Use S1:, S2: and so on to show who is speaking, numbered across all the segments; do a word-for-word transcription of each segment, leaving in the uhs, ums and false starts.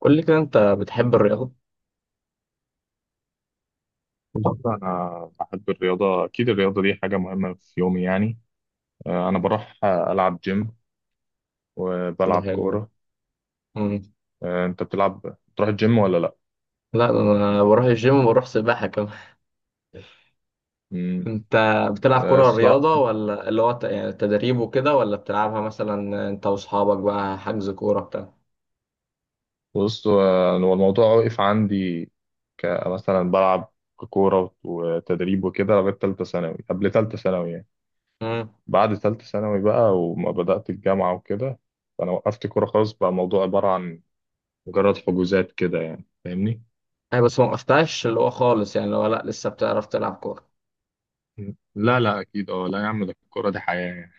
S1: قول لي كده، انت بتحب الرياضة؟
S2: بصراحة أنا بحب الرياضة، أكيد الرياضة دي حاجة مهمة في يومي يعني. آه، أنا بروح آه، ألعب جيم
S1: ده
S2: وبلعب
S1: حلو.
S2: كورة.
S1: مم.
S2: آه، أنت بتلعب بتروح الجيم ولا لأ؟
S1: لا، ده انا بروح الجيم وبروح سباحة كمان.
S2: مم.
S1: انت بتلعب
S2: آه،
S1: كرة
S2: الصراحة
S1: رياضة، ولا اللي هو ت- يعني تدريب وكده، ولا بتلعبها مثلا انت واصحابك بقى حجز كورة بتاع؟
S2: بص، آه، هو الموضوع وقف عندي كمثلا بلعب كورة وتدريب وكده لغاية تالتة ثانوي، قبل تالتة ثانوي يعني.
S1: امم.
S2: بعد تالتة ثانوي بقى وما بدأت الجامعة وكده، فأنا وقفت كورة خالص، بقى الموضوع عبارة عن مجرد حجوزات كده يعني، فاهمني؟
S1: اي، بس ما وقفتهاش اللي هو خالص، يعني اللي هو لا، لسه بتعرف تلعب كورة.
S2: لا لا اكيد اه، لا يا عم ده الكوره دي حياه يعني.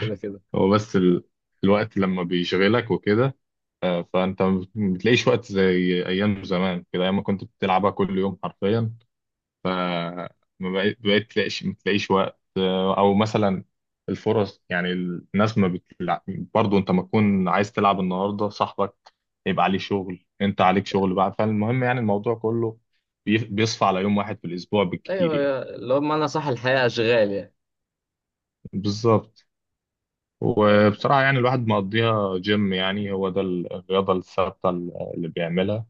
S1: كده كده.
S2: هو بس ال... الوقت لما بيشغلك وكده، آه، فانت ما بتلاقيش وقت زي ايام زمان كده، ايام ما كنت بتلعبها كل يوم حرفيا. ف ما بقيت بقيت تلاقيش ما تلاقيش وقت، آه، او مثلا الفرص يعني الناس ما بتلعب برضه، انت ما تكون عايز تلعب النهارده صاحبك يبقى عليه شغل، انت عليك شغل بقى، فالمهم يعني الموضوع كله بي- بيصفى على يوم واحد في الاسبوع بالكتير
S1: ايوه،
S2: يعني.
S1: يا- اللي هو بمعنى صح، الحياة اشغال يعني.
S2: بالظبط.
S1: أه.
S2: وبصراحة يعني الواحد مقضيها جيم، يعني هو ده الرياضة الثابتة اللي بيعملها.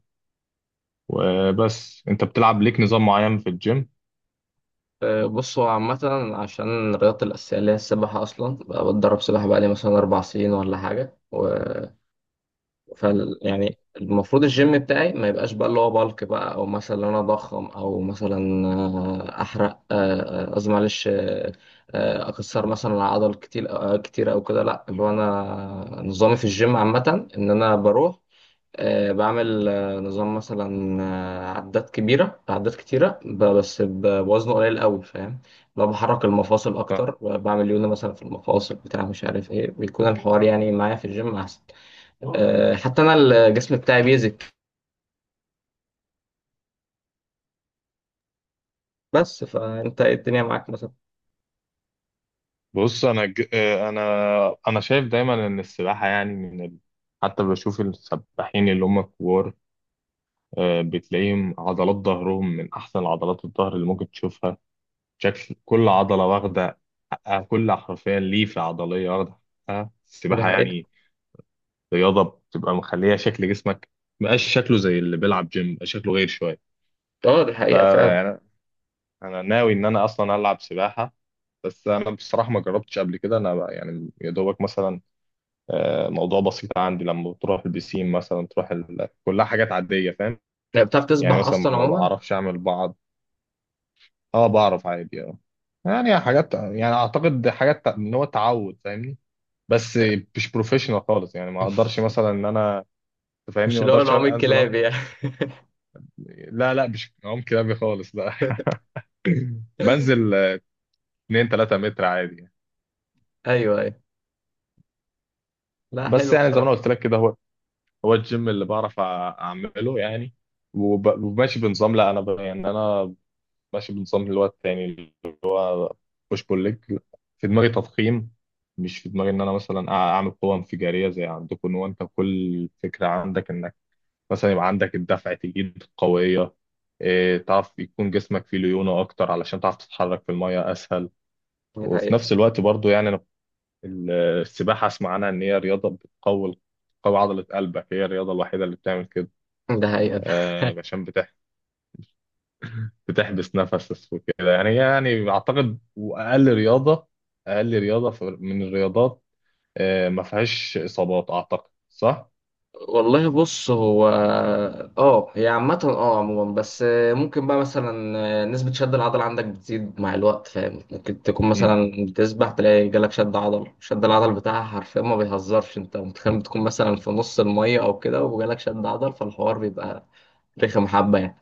S2: وبس انت بتلعب ليك نظام معين في الجيم؟
S1: آه، بص هو عامة. عشان الرياضة الأساسية اللي هي السباحة، أصلا بقى بتدرب سباحة بقالي مثلا أربع سنين ولا حاجة. فال يعني المفروض الجيم بتاعي ما يبقاش بقى اللي هو بالك بقى، او مثلا انا اضخم، او مثلا آه، احرق آه، آه، قصدي معلش. آه، آه، اكسر مثلا عضل كتير آه، كتير او كده. لا، اللي هو انا نظامي في الجيم عامة ان انا بروح آه، بعمل آه، نظام مثلا آه، عدات كبيرة عدات كتيرة، ب- بس ب- بوزن قليل قوي، فاهم؟ لو بحرك المفاصل اكتر، بعمل يونا مثلا في المفاصل، بتاع مش عارف ايه، بيكون الحوار يعني معايا في الجيم احسن. آه، حتى انا الجسم بتاعي بيزك. بس فانت ايه الدنيا معاك مثلا؟
S2: بص انا ج... انا انا شايف دايما ان السباحة يعني من ال... حتى بشوف السباحين اللي هم كبار، آه، بتلاقيهم عضلات ظهرهم من احسن عضلات الظهر اللي ممكن تشوفها. شكل كل عضلة واخدة حقها، كل حرفيا ليفة عضلية واخدة حقها،
S1: ده
S2: السباحة
S1: حقيقة.
S2: يعني رياضه بتبقى مخليه شكل جسمك مبقاش شكله زي اللي بيلعب جيم، بقى شكله غير شويه.
S1: اه، دي حقيقة فعلا.
S2: فيعني انا ناوي ان انا اصلا العب سباحه، بس انا بصراحه ما جربتش قبل كده، انا بقى يعني يا دوبك مثلا، آه، موضوع بسيط عندي لما تروح البسين مثلا تروح ال... كلها حاجات عاديه فاهم.
S1: يعني بتعرف
S2: يعني
S1: تسبح
S2: مثلا
S1: اصلا
S2: ما
S1: عموما؟
S2: بعرفش اعمل بعض، اه بعرف عادي اه، يعني حاجات يعني اعتقد حاجات تع- ان هو تعود فاهمني، بس مش بروفيشنال خالص يعني، ما اقدرش مثلا ان انا
S1: مش
S2: تفهمني ما
S1: اللي هو
S2: اقدرش
S1: العوم
S2: انزل.
S1: الكلابي يعني؟
S2: لا لا مش عم كلابي خالص لا. بنزل اتنين تلاتة متر عادي يعني.
S1: ايوه، ايوه. لا،
S2: بس
S1: حلو
S2: يعني زي ما
S1: بصراحة.
S2: انا قلت لك كده، هو هو الجيم اللي بعرف أع- اعمله يعني. وب- وماشي بنظام، لا انا ب... يعني انا ماشي بنظام اللي هو التاني، اللي هو بوش بول ليج. في دماغي تضخيم، مش في دماغي ان انا مثلا أع- اعمل قوه انفجاريه زي عندكم، ان هو انت كل فكره عندك انك مثلا يبقى عندك الدفع تجيب قويه، إيه، تعرف يكون جسمك فيه ليونه اكتر علشان تعرف تتحرك في الميه اسهل.
S1: ده
S2: وفي
S1: حقيقة.
S2: نفس الوقت برضو يعني أنا ال- السباحة أسمع عنها إن هي رياضة بتقوي بتقوي عضلة قلبك، هي الرياضة الوحيدة اللي بتعمل كده.
S1: ده حقيقة.
S2: آه، عشان بتح- بتحبس نفسك وكده يعني، هي يعني أعتقد وأقل رياضة، أقل رياضة في- من الرياضات، آه، ما فيهاش إصابات، أعتقد صح؟
S1: والله، بص هو، اه، هي عامة، اه، عموما. بس ممكن بقى مثلا نسبة شد العضل عندك بتزيد مع الوقت، فاهم؟ ممكن تكون
S2: مم.
S1: مثلا بتسبح تلاقي جالك شد عضل، شد العضل بتاعها حرفيا ما بيهزرش، انت متخيل بتكون مثلا في نص المية او كده وجالك شد عضل، فالحوار بيبقى رخم حبة يعني.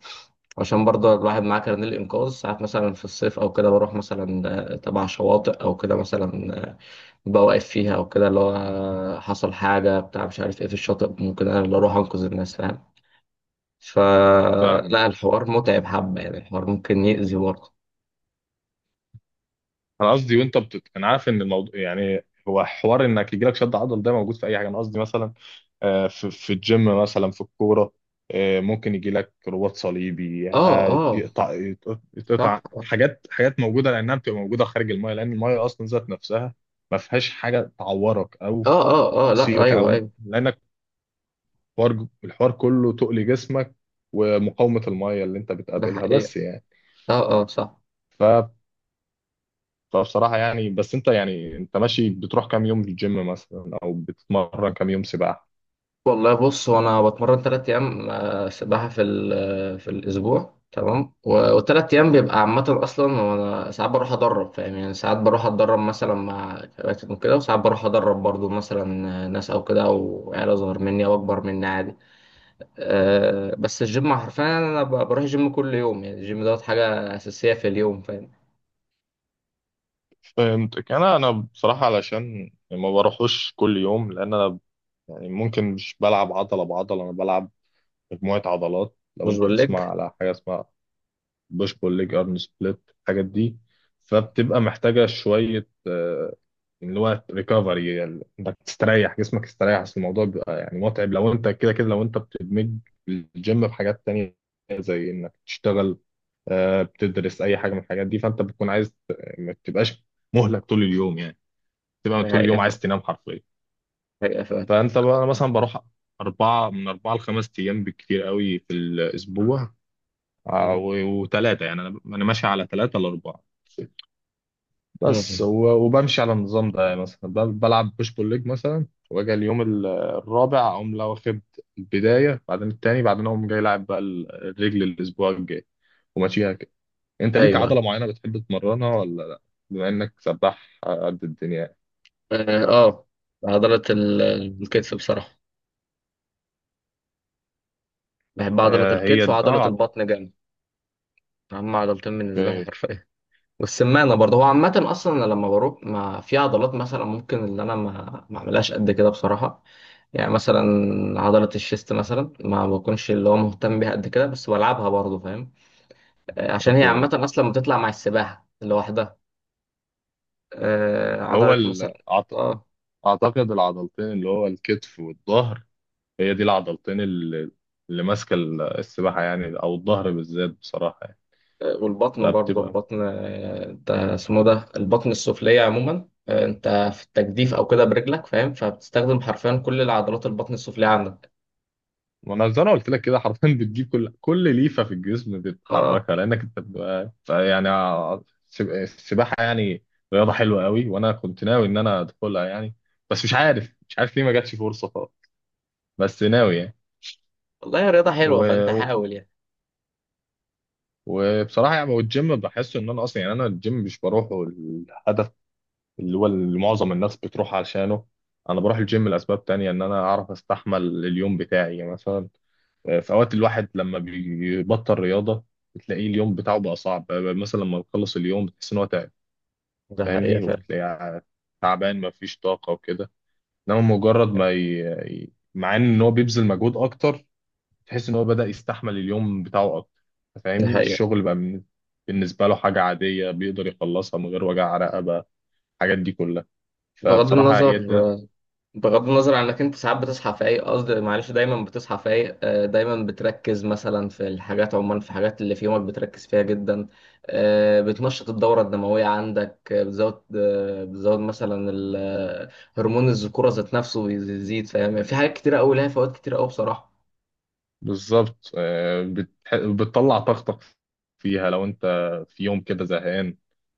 S1: عشان برضه الواحد معاه كارنيه الإنقاذ ساعات مثلا، في الصيف أو كده بروح مثلا تبع شواطئ أو كده، مثلا بوقف فيها او كده، اللي هو حصل حاجه بتاع مش عارف ايه في الشاطئ، ممكن انا اللي اروح انقذ الناس، فاهم؟
S2: فاهم.
S1: فلا، الحوار متعب حبه يعني، الحوار ممكن يأذي برضه.
S2: أنا قصدي وأنت بتت... أنا عارف إن الموضوع يعني هو حوار إنك يجيلك شد عضل، ده موجود في أي حاجة. أنا قصدي مثلا، آه، في في الجيم، مثلا في الكورة، آه، ممكن يجي لك رباط صليبي
S1: اه،
S2: آه،
S1: اه،
S2: يقطع
S1: صح،
S2: يقطع
S1: اه،
S2: حاجات حاجات موجودة لأنها بتبقى موجودة خارج المايه، لأن المايه أصلا ذات نفسها ما فيهاش حاجة تعورك أو
S1: اه، اه، آه، لا،
S2: تصيبك،
S1: ايوه،
S2: أو
S1: ايوه.
S2: لأنك الحوار الحوار كله تقل جسمك ومقاومة المايه اللي أنت
S1: ده
S2: بتقابلها
S1: حقيقة.
S2: بس يعني.
S1: اه، اه، صح.
S2: ف فبصراحة يعني بس أنت يعني أنت ماشي بتروح كام يوم الجيم مثلا؟ أو بتتمرن كام يوم سباحة؟
S1: والله، بص هو انا بتمرن ثلاث ايام آه، سباحه في ال- في الاسبوع، تمام؟ والثلاث ايام بيبقى عامه اصلا، وانا ساعات بروح ادرب، فاهم؟ يعني ساعات بروح اتدرب مثلا مع كباتن وكده، وساعات بروح ادرب برضو مثلا ناس او كده، او عيله اصغر مني او اكبر مني، عادي. أه، بس الجيم حرفيا انا ب- بروح الجيم كل يوم. يعني الجيم دوت حاجه اساسيه في اليوم، فاهم؟
S2: فهمتك. انا انا بصراحه علشان ما بروحوش كل يوم، لان انا يعني ممكن مش بلعب عضله بعضله، انا بلعب مجموعه عضلات. لو
S1: مش
S2: انت تسمع
S1: بقولك.
S2: على حاجه اسمها بوش بول ليج ارن سبليت الحاجات دي، فبتبقى محتاجه شويه آه، اللي هو ريكفري يعني، انك تستريح، جسمك يستريح، اصل الموضوع بيبقى يعني متعب لو انت كده كده، لو انت بتدمج الجيم بحاجات تانية زي انك تشتغل، آه، بتدرس، اي حاجه من الحاجات دي، فانت بتكون عايز ما تبقاش مهلك طول اليوم يعني، تبقى
S1: ده
S2: طول
S1: حقيقه
S2: اليوم عايز
S1: فعلا.
S2: تنام حرفيا.
S1: حقيقه فعلا.
S2: فانت بقى أنا مثلا بروح اربعه، من اربعه لخمس ايام بالكتير قوي في الاسبوع.
S1: مم.
S2: وثلاثه يعني انا انا ماشي على ثلاثه لاربعه. بس
S1: مم.
S2: و- وبمشي على النظام ده يعني، مثلا ب- بلعب بوش بول ليج مثلا، واجي اليوم ال- الرابع اقوم لو واخد البدايه، بعدين التاني، بعدين اقوم جاي لاعب بقى ال- الرجل الاسبوع الجاي، وماشيها كده. انت ليك
S1: ايوه.
S2: عضله معينه بتحب تمرنها ولا لا، بما انك سباح قد الدنيا؟
S1: اه. آه. عضله ال- الكتف بصراحه. بحب عضلة
S2: آه، هي
S1: الكتف وعضلة
S2: اه.
S1: البطن جامد. أهم عضلتين بالنسبة لي
S2: اوكي.
S1: حرفيا. والسمانة برضه. هو عامة أصلا أنا لما بروح، ما في عضلات مثلا ممكن اللي أنا ما ما أعملهاش قد كده بصراحة. يعني مثلا عضلة الشيست مثلا ما بكونش اللي هو مهتم بيها قد كده، بس بلعبها برضه، فاهم؟ آه، عشان هي عامة
S2: اوكي.
S1: أصلا بتطلع مع السباحة لوحدها. آه،
S2: هو
S1: عضلة مثلا.
S2: ال... أعت-
S1: اه.
S2: اعتقد العضلتين اللي هو الكتف والظهر، هي دي العضلتين اللي، اللي ماسكه ال- السباحه يعني، او الظهر بالذات بصراحه يعني.
S1: والبطن برضه،
S2: فبتبقى،
S1: البطن آه، انت اسمه ده البطن السفلية عموما. آه، انت في التجديف او كده برجلك، فاهم؟ فبتستخدم حرفيا كل العضلات البطن السفلية عندك.
S2: ما انا زي ما قلت لك كده حرفيا بتجيب كل كل ليفه في الجسم
S1: اه.
S2: بتحركها، لانك انت بتبقى يعني ع- السب- السباحه يعني رياضه حلوه قوي، وانا كنت ناوي ان انا ادخلها يعني، بس مش عارف، مش عارف ليه ما جاتش فرصه خالص، بس ناوي يعني.
S1: والله، يا رياضة حلوة، فانت
S2: و...
S1: حاول يعني.
S2: وبصراحه يعني، والجيم بحس ان انا اصلا يعني، انا الجيم مش بروحه الهدف اللي هو اللي معظم الناس بتروح عشانه، انا بروح الجيم لاسباب تانية، ان انا اعرف استحمل اليوم بتاعي يعني. مثلا آه، في اوقات الواحد لما بيبطل رياضة بتلاقيه اليوم بتاعه بقى صعب، آه، مثلا لما بيخلص اليوم بتحس ان هو تعب
S1: ده حقيقة
S2: فاهمني،
S1: فعلا.
S2: وبتلاقيه ع- تعبان مفيش طاقة وكده. انما مجرد ما ي... ي- مع ان هو بيبذل مجهود اكتر تحس ان هو بدأ يستحمل اليوم بتاعه اكتر،
S1: ده
S2: فاهمني.
S1: حقيقة.
S2: الشغل بقى من- بالنسبة له حاجة عادية بيقدر يخلصها من غير وجع رقبة، الحاجات دي كلها.
S1: بغض
S2: فبصراحة
S1: النظر،
S2: هي دي.
S1: بغض النظر عن انك انت ساعات بتصحى فايق، قصدي معلش دايما بتصحى فايق، آه، دايما بتركز مثلا في الحاجات، عموما في الحاجات اللي في يومك بتركز فيها جدا. آه، بتنشط الدورة الدموية عندك. آه، بتزود آه، بتزود مثلا ال- آه، هرمون الذكورة ذات نفسه بيزيد، فاهم؟ يعني في حاجات كتيرة قوي لها فوائد كتيرة قوي بصراحة.
S2: بالظبط. آه، بتح... بتطلع طاقتك فيها، لو انت في يوم كده زهقان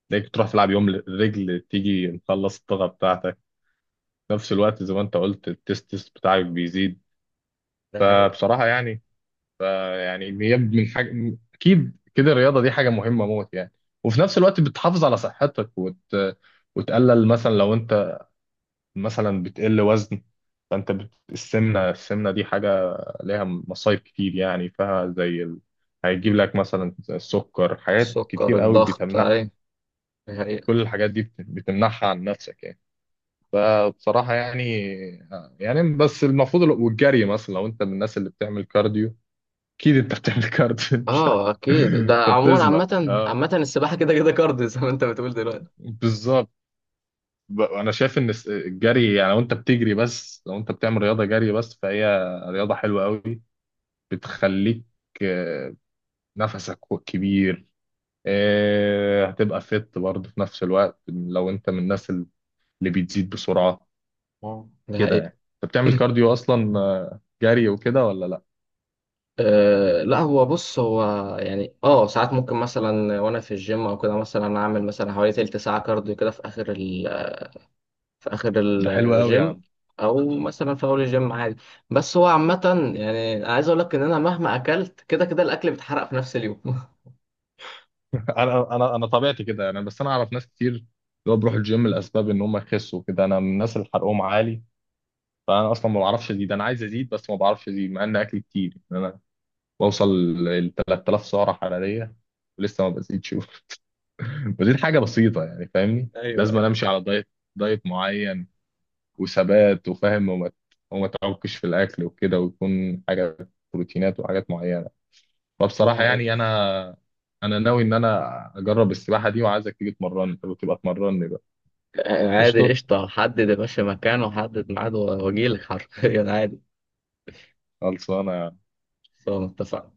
S2: تلاقيك تروح تلعب يوم رجل تيجي مخلص الطاقة بتاعتك. في نفس الوقت زي ما انت قلت التستس بتاعك بيزيد.
S1: ده حقيقة.
S2: فبصراحة يعني، فيعني هي من حاجة اكيد كده، الرياضة دي حاجة مهمة موت يعني. وفي نفس الوقت بتحافظ على صحتك وت... وتقلل، مثلا لو انت مثلا بتقل وزن، فانت بت... السمنه السمنه دي حاجه ليها مصايب كتير يعني فيها، زي ال... هيجيب لك مثلا السكر، حاجات
S1: السكر،
S2: كتير قوي
S1: الضغط،
S2: بتمنع.
S1: اي. ده حقيقة.
S2: كل الحاجات دي بت- بتمنعها عن نفسك يعني. فبصراحه يعني، يعني بس المفروض ال- والجري مثلا، لو انت من الناس اللي بتعمل كارديو، اكيد انت بتعمل كارديو. انت
S1: اه، اكيد. ده
S2: انت
S1: عموما،
S2: بتسبح
S1: عامة
S2: اه.
S1: عامة السباحة كده كده كارديو. زي ما انت بتقول دلوقتي.
S2: بالظبط. ب- انا شايف ان الس- الجري يعني، لو انت بتجري بس، لو انت بتعمل رياضه جري بس، فهي رياضه حلوه قوي، بتخليك آه، نفسك كبير، آه، هتبقى فت برضه في نفس الوقت لو انت من الناس اللي بتزيد بسرعة
S1: آه. ده
S2: كده
S1: حقيقة.
S2: يعني. انت بتعمل كارديو اصلا، آه، جري وكده، ولا لا؟
S1: أه، لا هو بص. هو يعني، اه، ساعات ممكن مثلا وانا في الجيم او كده، مثلا اعمل مثلا حوالي تلت ساعه كارديو كده في اخر ال في اخر
S2: ده حلو قوي يا
S1: الجيم،
S2: عم.
S1: او مثلا في اول الجيم، عادي. بس هو عامه يعني، أنا عايز اقول لك ان انا مهما اكلت، كده كده الاكل بيتحرق في نفس اليوم.
S2: انا انا انا طبيعتي كده يعني، بس انا اعرف ناس كتير اللي هو بيروحوا الجيم لاسباب ان هم يخسوا كده، انا من الناس اللي حرقهم عالي، فانا اصلا ما بعرفش ازيد، انا عايز ازيد بس ما بعرفش ازيد، مع ان اكلي كتير يعني. انا بوصل ل تلات آلاف سعره حراريه ولسه ما بزيدش، ودي حاجه بسيطه يعني، فاهمني.
S1: ايوه،
S2: لازم
S1: ايوه.
S2: أنا امشي على دايت، دايت معين وثبات وفاهم، وما وما تعكش في الاكل وكده، ويكون حاجه بروتينات وحاجات معينه. فبصراحه
S1: يعني
S2: يعني انا، انا ناوي ان انا اجرب السباحه دي، وعايزك تيجي تمرني، انت بتبقى تمرني بقى.
S1: عادي،
S2: قشطه.
S1: قشطه. حدد يا باشا مكانه، وحدد ميعاد، واجيلك حرفيا عادي.
S2: خلصانه.
S1: سواء متفق.